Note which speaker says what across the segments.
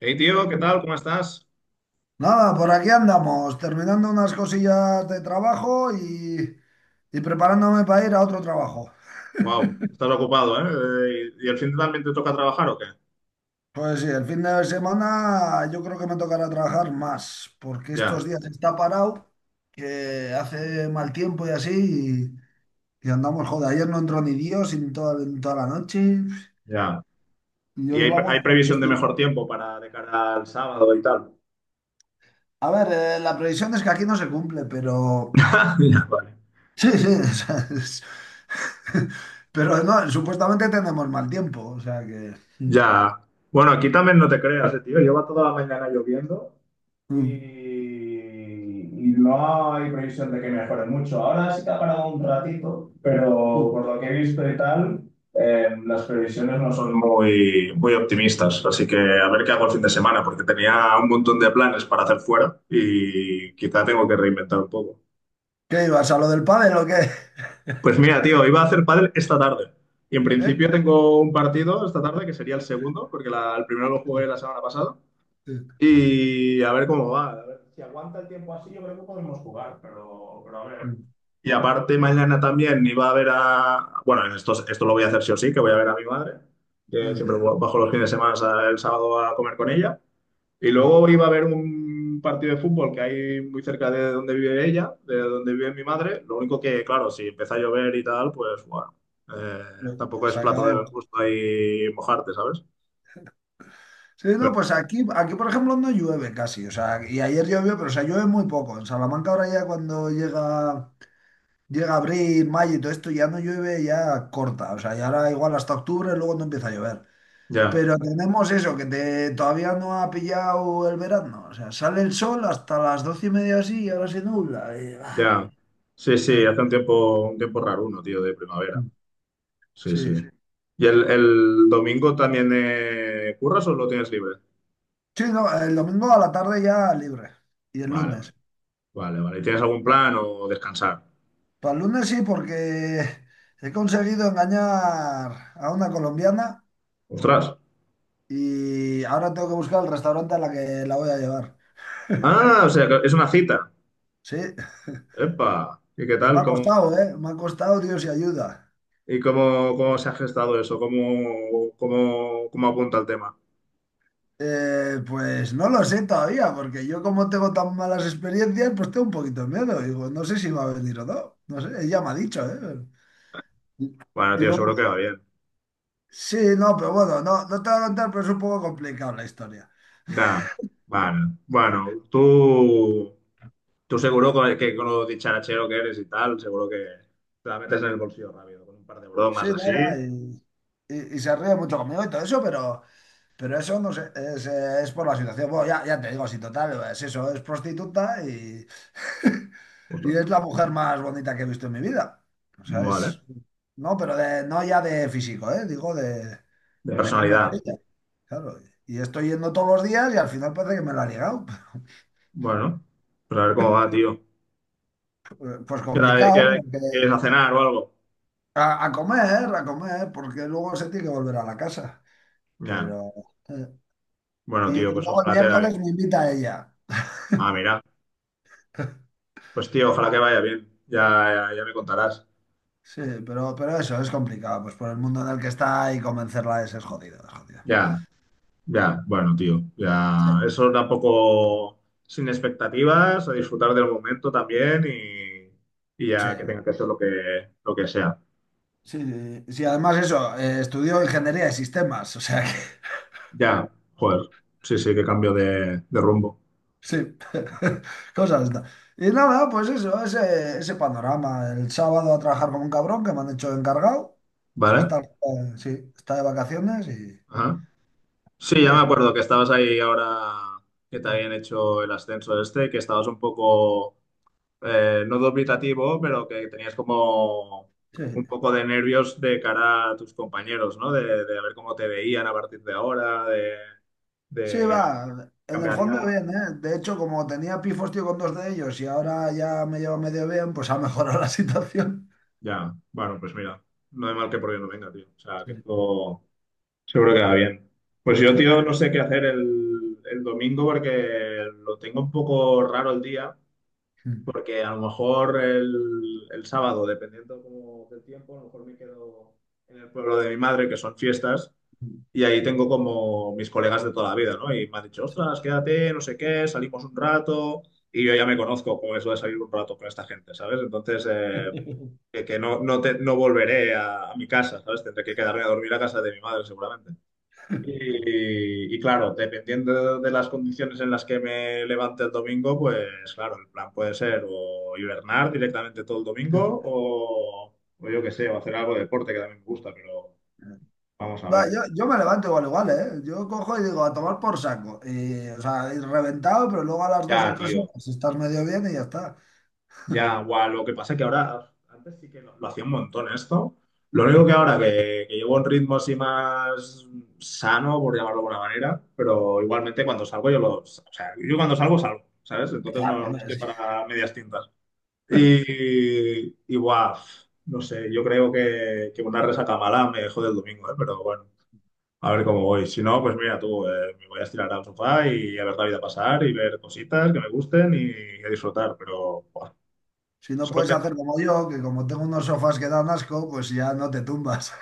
Speaker 1: Hey tío, ¿qué tal? ¿Cómo estás?
Speaker 2: Nada, por aquí andamos, terminando unas cosillas de trabajo y preparándome para ir a otro trabajo.
Speaker 1: Wow, estás ocupado, ¿eh? ¿Y el fin de también te toca trabajar o qué?
Speaker 2: Pues sí, el fin de semana yo creo que me tocará trabajar más, porque
Speaker 1: Ya,
Speaker 2: estos días está parado, que hace mal tiempo y así, y andamos, joder, ayer no entró ni Dios en toda la noche,
Speaker 1: ya.
Speaker 2: y
Speaker 1: ¿Y
Speaker 2: hoy
Speaker 1: hay,
Speaker 2: vamos
Speaker 1: hay
Speaker 2: por el
Speaker 1: previsión de
Speaker 2: estilo.
Speaker 1: mejor tiempo para de cara al sábado y tal?
Speaker 2: A ver, la previsión es que aquí no se cumple, pero.
Speaker 1: Ya, vale.
Speaker 2: Sí, sí, o sea, pero no, supuestamente tenemos mal tiempo, o sea que.
Speaker 1: Ya. Bueno, aquí también no te creas, tío. Lleva toda la mañana lloviendo y,
Speaker 2: Mm.
Speaker 1: y no hay previsión de que mejore mucho. Ahora sí que ha parado un ratito, pero
Speaker 2: Mm.
Speaker 1: por lo que he visto y tal, las previsiones no son muy optimistas. Así que a ver qué hago el fin de semana, porque tenía un montón de planes para hacer fuera y quizá tengo que reinventar un poco.
Speaker 2: ¿Qué ibas a lo del pádel o qué?
Speaker 1: Pues mira, tío, iba a hacer pádel esta tarde. Y en
Speaker 2: ¿Eh?
Speaker 1: principio tengo un partido esta tarde que sería el segundo, porque el primero lo jugué la semana pasada. Y a ver cómo va. A ver. Si aguanta el tiempo así, yo creo que podemos jugar, pero a ver. Y aparte, mañana también iba a ver a. Bueno, esto lo voy a hacer sí o sí, que voy a ver a mi madre, que siempre bajo los fines de semana el sábado a comer con ella. Y luego iba a ver un partido de fútbol que hay muy cerca de donde vive ella, de donde vive mi madre. Lo único que, claro, si empieza a llover y tal, pues bueno, eh,
Speaker 2: Bueno,
Speaker 1: tampoco es
Speaker 2: se
Speaker 1: plato de Claro.
Speaker 2: acabó.
Speaker 1: Buen gusto ahí mojarte, ¿sabes?
Speaker 2: Sí, no,
Speaker 1: Pero
Speaker 2: pues aquí, por ejemplo, no llueve casi. O sea, y ayer llovió, pero o sea, llueve muy poco. En Salamanca ahora ya cuando llega abril, mayo y todo esto, ya no llueve, ya corta. O sea, ya ahora igual hasta octubre, luego no empieza a llover.
Speaker 1: ya.
Speaker 2: Pero tenemos eso, que todavía no ha pillado el verano. O sea, sale el sol hasta las 12:30 así y ahora se nubla.
Speaker 1: Ya. Sí, sí,
Speaker 2: Ah,
Speaker 1: hace un tiempo raro uno, tío, de primavera.
Speaker 2: mm,
Speaker 1: Sí, sí.
Speaker 2: sí,
Speaker 1: ¿Y el domingo también curras o lo tienes libre?
Speaker 2: sí, no, el domingo a la tarde ya libre. Y el
Speaker 1: Vale, vale,
Speaker 2: lunes.
Speaker 1: vale. ¿Y tienes algún plan o descansar?
Speaker 2: Para el lunes sí, porque he conseguido engañar a una colombiana
Speaker 1: Ostras.
Speaker 2: y ahora tengo que buscar el restaurante a la que la voy a llevar.
Speaker 1: Ah, o sea, que es una cita.
Speaker 2: Sí,
Speaker 1: Epa. ¿Y qué
Speaker 2: y me
Speaker 1: tal?
Speaker 2: ha
Speaker 1: ¿Cómo,
Speaker 2: costado, ¿eh? Me ha costado, Dios y ayuda.
Speaker 1: y cómo, se ha gestado eso? ¿Cómo, cómo apunta el tema?
Speaker 2: Pues no lo sé todavía, porque yo como tengo tan malas experiencias, pues tengo un poquito de miedo. Digo, no sé si va a venir o no. No sé, ella me ha dicho, ¿eh? Y,
Speaker 1: Bueno,
Speaker 2: y
Speaker 1: tío, seguro
Speaker 2: luego,
Speaker 1: que va bien.
Speaker 2: sí, no, pero bueno, no, no te voy a contar, pero es un poco complicado la historia.
Speaker 1: Ya. Vale. Bueno, tú. Tú seguro que con lo dicharachero que eres y tal, seguro que te la metes en el bolsillo rápido, con un par de
Speaker 2: Sí,
Speaker 1: bromas así.
Speaker 2: no, va, y se ríe mucho conmigo y todo eso, pero eso no sé, es por la situación. Bueno, ya, ya te digo, si total, es eso, es prostituta y, y
Speaker 1: Ostras,
Speaker 2: es la mujer más bonita que he visto en mi vida. O sea, es,
Speaker 1: vale,
Speaker 2: no, pero de, no ya de físico, ¿eh? Digo de,
Speaker 1: de
Speaker 2: de cómo
Speaker 1: personalidad.
Speaker 2: es ella, claro. Y estoy yendo todos los días y al final parece que me la ha ligado.
Speaker 1: Bueno, pues a ver cómo va, tío.
Speaker 2: Pues
Speaker 1: ¿Qué
Speaker 2: complicado, porque
Speaker 1: ¿Quieres a cenar o algo?
Speaker 2: a, a comer, a comer, porque luego se tiene que volver a la casa.
Speaker 1: Ya.
Speaker 2: Pero... eh,
Speaker 1: Bueno,
Speaker 2: y
Speaker 1: tío, pues
Speaker 2: luego el
Speaker 1: ojalá te vaya bien.
Speaker 2: miércoles me invita a ella.
Speaker 1: Ah, mira. Pues tío, ojalá que vaya bien. Ya me contarás.
Speaker 2: Sí, pero eso es complicado, pues por el mundo en el que está y convencerla es jodido, es jodido.
Speaker 1: Ya, ya. Bueno, tío, ya.
Speaker 2: Sí,
Speaker 1: Eso tampoco sin expectativas, a disfrutar del momento también y
Speaker 2: sí,
Speaker 1: ya que tenga que hacer lo que sea.
Speaker 2: sí, sí, sí, además eso, estudió ingeniería de sistemas, o sea que.
Speaker 1: Ya, joder. Sí, sí, qué cambio de rumbo.
Speaker 2: Sí, cosas. Y nada, pues eso, ese panorama. El sábado a trabajar con un cabrón que me han hecho encargado. O sea,
Speaker 1: ¿Vale?
Speaker 2: está, sí, está de vacaciones y,
Speaker 1: Ajá.
Speaker 2: y
Speaker 1: Sí, ya me
Speaker 2: eso.
Speaker 1: acuerdo que estabas ahí ahora que te
Speaker 2: Sí.
Speaker 1: habían hecho el ascenso este, que estabas un poco, no dubitativo, pero que tenías como un
Speaker 2: Sí.
Speaker 1: poco de nervios de cara a tus compañeros, ¿no? De ver cómo te veían a partir de ahora,
Speaker 2: Sí, va,
Speaker 1: de
Speaker 2: en el fondo
Speaker 1: cambiarían.
Speaker 2: bien, ¿eh? De hecho, como tenía pifos, tío, con dos de ellos y ahora ya me lleva medio bien, pues ha mejorado la situación.
Speaker 1: Ya, bueno, pues mira, no hay mal que por bien no venga, tío. O sea,
Speaker 2: Sí,
Speaker 1: que esto seguro que va bien. Pues
Speaker 2: sí.
Speaker 1: yo, tío, no sé qué hacer el domingo porque lo tengo un poco raro el día,
Speaker 2: Mm,
Speaker 1: porque a lo mejor el sábado, dependiendo como del tiempo, a lo mejor me quedo en el pueblo de mi madre, que son fiestas, y ahí tengo como mis colegas de toda la vida, ¿no? Y me han dicho,
Speaker 2: sí,
Speaker 1: ostras, quédate, no sé qué, salimos un rato, y yo ya me conozco con eso de salir un rato con esta gente, ¿sabes? Entonces, que, que no volveré a mi casa, ¿sabes? Tendré que quedarme a dormir a casa de mi madre, seguramente. Y claro, dependiendo de las condiciones en las que me levante el domingo, pues claro, el plan puede ser o hibernar directamente todo el
Speaker 2: sí.
Speaker 1: domingo o yo qué sé, o hacer algo de deporte que también me gusta, pero vamos a
Speaker 2: Va,
Speaker 1: ver.
Speaker 2: yo me levanto igual, igual, ¿eh? Yo cojo y digo, a tomar por saco. Y, o sea, y reventado, pero luego a las dos
Speaker 1: Ya,
Speaker 2: o tres
Speaker 1: tío,
Speaker 2: horas estás medio bien y ya está.
Speaker 1: ya, guau, lo que pasa es que ahora, antes sí que lo hacía un montón esto. Lo
Speaker 2: Sí.
Speaker 1: único que ahora que llevo un ritmo así más sano, por llamarlo de alguna manera, pero igualmente cuando salgo yo lo, o sea, yo cuando salgo salgo, ¿sabes? Entonces
Speaker 2: Claro,
Speaker 1: no
Speaker 2: hombre,
Speaker 1: estoy
Speaker 2: sí.
Speaker 1: para medias tintas. Y guau, no sé, yo creo que una resaca mala me jode el domingo, ¿eh? Pero bueno, a ver cómo voy. Si no, pues mira tú, me voy a estirar al sofá y a ver la vida pasar y ver cositas que me gusten y, a disfrutar. Pero buah,
Speaker 2: Si no
Speaker 1: solo
Speaker 2: puedes hacer como yo, que como tengo unos sofás que dan asco, pues ya no te tumbas.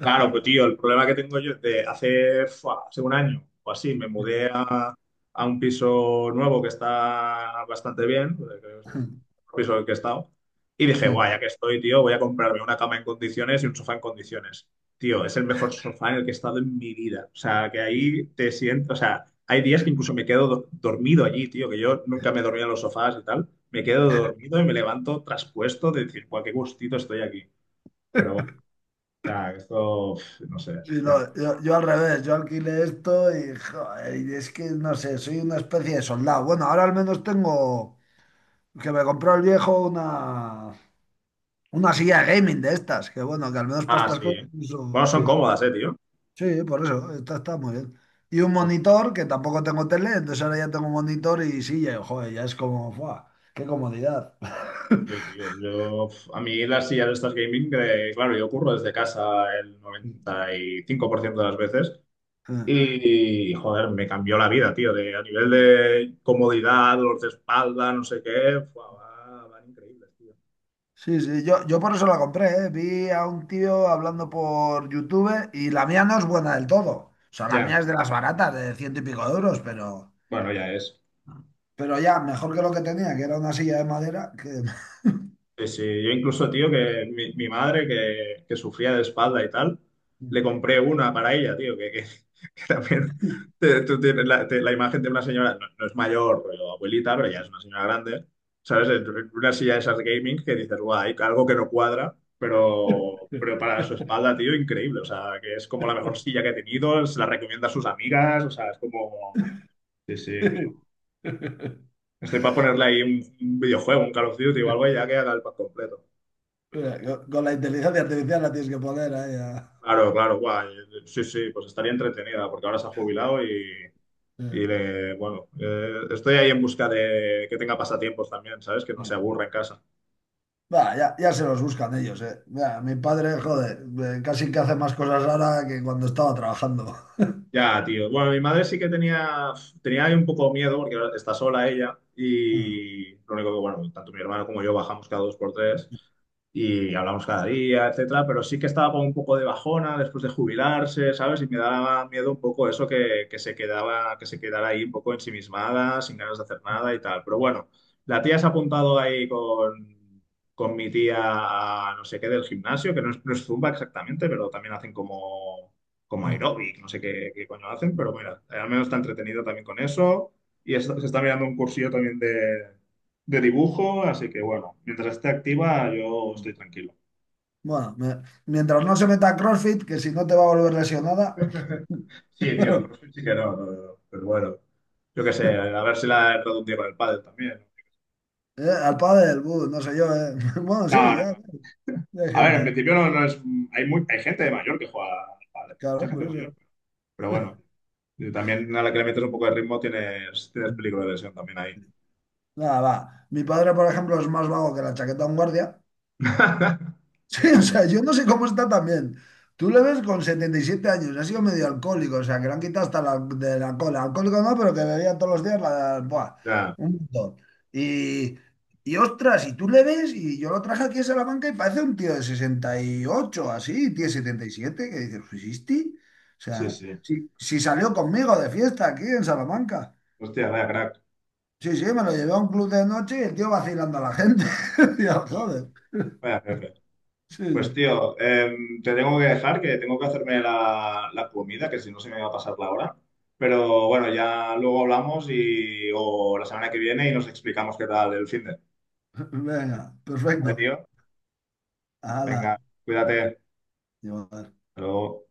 Speaker 1: claro, pues tío, el problema que tengo yo es de hace, fua, hace un año o así me mudé a un piso nuevo que está bastante bien, creo que es el piso en el que he estado, y dije, guay, ya que estoy, tío, voy a comprarme una cama en condiciones y un sofá en condiciones. Tío, es el mejor sofá en el que he estado en mi vida. O sea, que ahí te siento, o sea, hay días que incluso me quedo dormido allí, tío, que yo nunca me dormía en los sofás y tal. Me quedo dormido y me levanto traspuesto de decir, guau, qué gustito estoy aquí. Pero sea, esto, uf, no sé,
Speaker 2: Sí,
Speaker 1: ya.
Speaker 2: no, yo al revés, yo alquilé esto y, joder, y es que no sé, soy una especie de soldado. Bueno, ahora al menos tengo que me compró el viejo una silla de gaming de estas, que bueno, que al menos para
Speaker 1: Ah, sí.
Speaker 2: estas cosas
Speaker 1: ¿Eh?
Speaker 2: uso,
Speaker 1: Bueno, son
Speaker 2: sí.
Speaker 1: cómodas, tío.
Speaker 2: Sí, por eso, está muy bien. Y un
Speaker 1: Son cómodas,
Speaker 2: monitor, que tampoco tengo tele, entonces ahora ya tengo monitor y silla, y, joder, ya es como, ¡buah! ¡Qué comodidad!
Speaker 1: sí, tío. Yo, uf, a mí las sillas estas gaming, claro, yo curro desde casa el 95% de las veces y, joder, me cambió la vida, tío. De, a nivel
Speaker 2: Sí.
Speaker 1: de comodidad, dolor de espalda, no sé qué, fua, van increíbles, tío.
Speaker 2: Sí, sí, yo por eso la compré, ¿eh? Vi a un tío hablando por YouTube y la mía no es buena del todo. O sea, la
Speaker 1: Ya,
Speaker 2: mía es de las baratas, de ciento y pico de euros, pero,
Speaker 1: bueno, ya es.
Speaker 2: pero ya, mejor que lo que tenía, que era una silla de madera, que.
Speaker 1: Sí, sí, yo incluso, tío, que mi madre, que sufría de espalda y tal, le compré una para ella, tío, que, que también tú tienes la, la imagen de una señora, no es mayor, pero abuelita, pero ya es una señora grande, ¿sabes? En una silla de esas de gaming que dices, guay algo que no cuadra, pero para su espalda, tío, increíble, o sea, que es como la mejor silla que he tenido, se la recomienda a sus amigas, o sea, es como... Sí, sí, que no. Estoy para ponerle ahí un videojuego, un Call of Duty o algo y ya que haga el pack completo.
Speaker 2: Mira, con la inteligencia artificial la tienes que poner ahí.
Speaker 1: Claro, claro, guay. Sí, sí, pues estaría entretenida porque ahora se ha jubilado
Speaker 2: Ya.
Speaker 1: y le- bueno, estoy ahí en busca de que tenga pasatiempos también, ¿sabes? Que no se aburra en casa.
Speaker 2: Va, ya, ya se los buscan ellos, eh. Mira, mi padre, joder, casi que hace más cosas ahora que cuando estaba trabajando.
Speaker 1: Ya, tío. Bueno, mi madre sí que tenía, tenía ahí un poco miedo porque ahora está sola ella y lo único que, bueno, tanto mi hermano como yo bajamos cada dos por tres y hablamos cada día, etcétera, pero sí que estaba con un poco de bajona después de jubilarse, ¿sabes? Y me daba miedo un poco eso que se quedaba, que se quedara ahí un poco ensimismada, sin ganas de hacer nada y tal. Pero bueno, la tía se ha apuntado ahí con mi tía a no sé qué del gimnasio, que no es, no es Zumba exactamente, pero también hacen como como aeróbic, no sé qué, qué coño hacen, pero mira, al menos está entretenido también con eso. Y se está mirando un cursillo también de dibujo, así que bueno, mientras esté activa, yo estoy tranquilo.
Speaker 2: Bueno, mientras no se meta a CrossFit, que si no te va a volver lesionada.
Speaker 1: Sí, tío, CrossFit sí que no, pero bueno, yo qué sé, a ver si la he traducido con el pádel también.
Speaker 2: Al pádel, buh, no sé yo, eh. Bueno,
Speaker 1: No,
Speaker 2: sí,
Speaker 1: no,
Speaker 2: ya, ya hay
Speaker 1: a ver, en
Speaker 2: gente,
Speaker 1: principio no es, hay, muy, hay gente de mayor que juega al pádel, mucha
Speaker 2: claro,
Speaker 1: gente
Speaker 2: por eso.
Speaker 1: mayor, pero bueno, y también a la que le metes un poco de ritmo tienes, tienes peligro de lesión también ahí.
Speaker 2: Nada, va. Mi padre, por ejemplo, es más vago que la chaqueta de un guardia. Sí, o sea, yo no sé cómo está también. Tú le ves con 77 años, ha sido medio alcohólico, o sea, que le han quitado hasta de la cola. Alcohólico no, pero que bebía todos los días
Speaker 1: Ya,
Speaker 2: un montón. Y, y ostras, y tú le ves, y yo lo traje aquí a Salamanca y parece un tío de 68 así, tío de 77 que dices, ¿fusisti? O
Speaker 1: sí,
Speaker 2: sea,
Speaker 1: sí.
Speaker 2: si salió conmigo de fiesta aquí en Salamanca.
Speaker 1: Hostia, vaya crack.
Speaker 2: Sí, sí, me lo llevé a un club de noche y el tío vacilando a la gente. Digo,
Speaker 1: Joder,
Speaker 2: joder.
Speaker 1: vaya jefe.
Speaker 2: Sí,
Speaker 1: Pues
Speaker 2: sí.
Speaker 1: tío, te tengo que dejar, que tengo que hacerme la, la comida, que si no se me va a pasar la hora. Pero bueno, ya luego hablamos y o la semana que viene y nos explicamos qué tal el finde.
Speaker 2: Venga,
Speaker 1: Vale,
Speaker 2: perfecto.
Speaker 1: tío.
Speaker 2: Ala,
Speaker 1: Venga, cuídate.
Speaker 2: llevar.
Speaker 1: Hasta luego.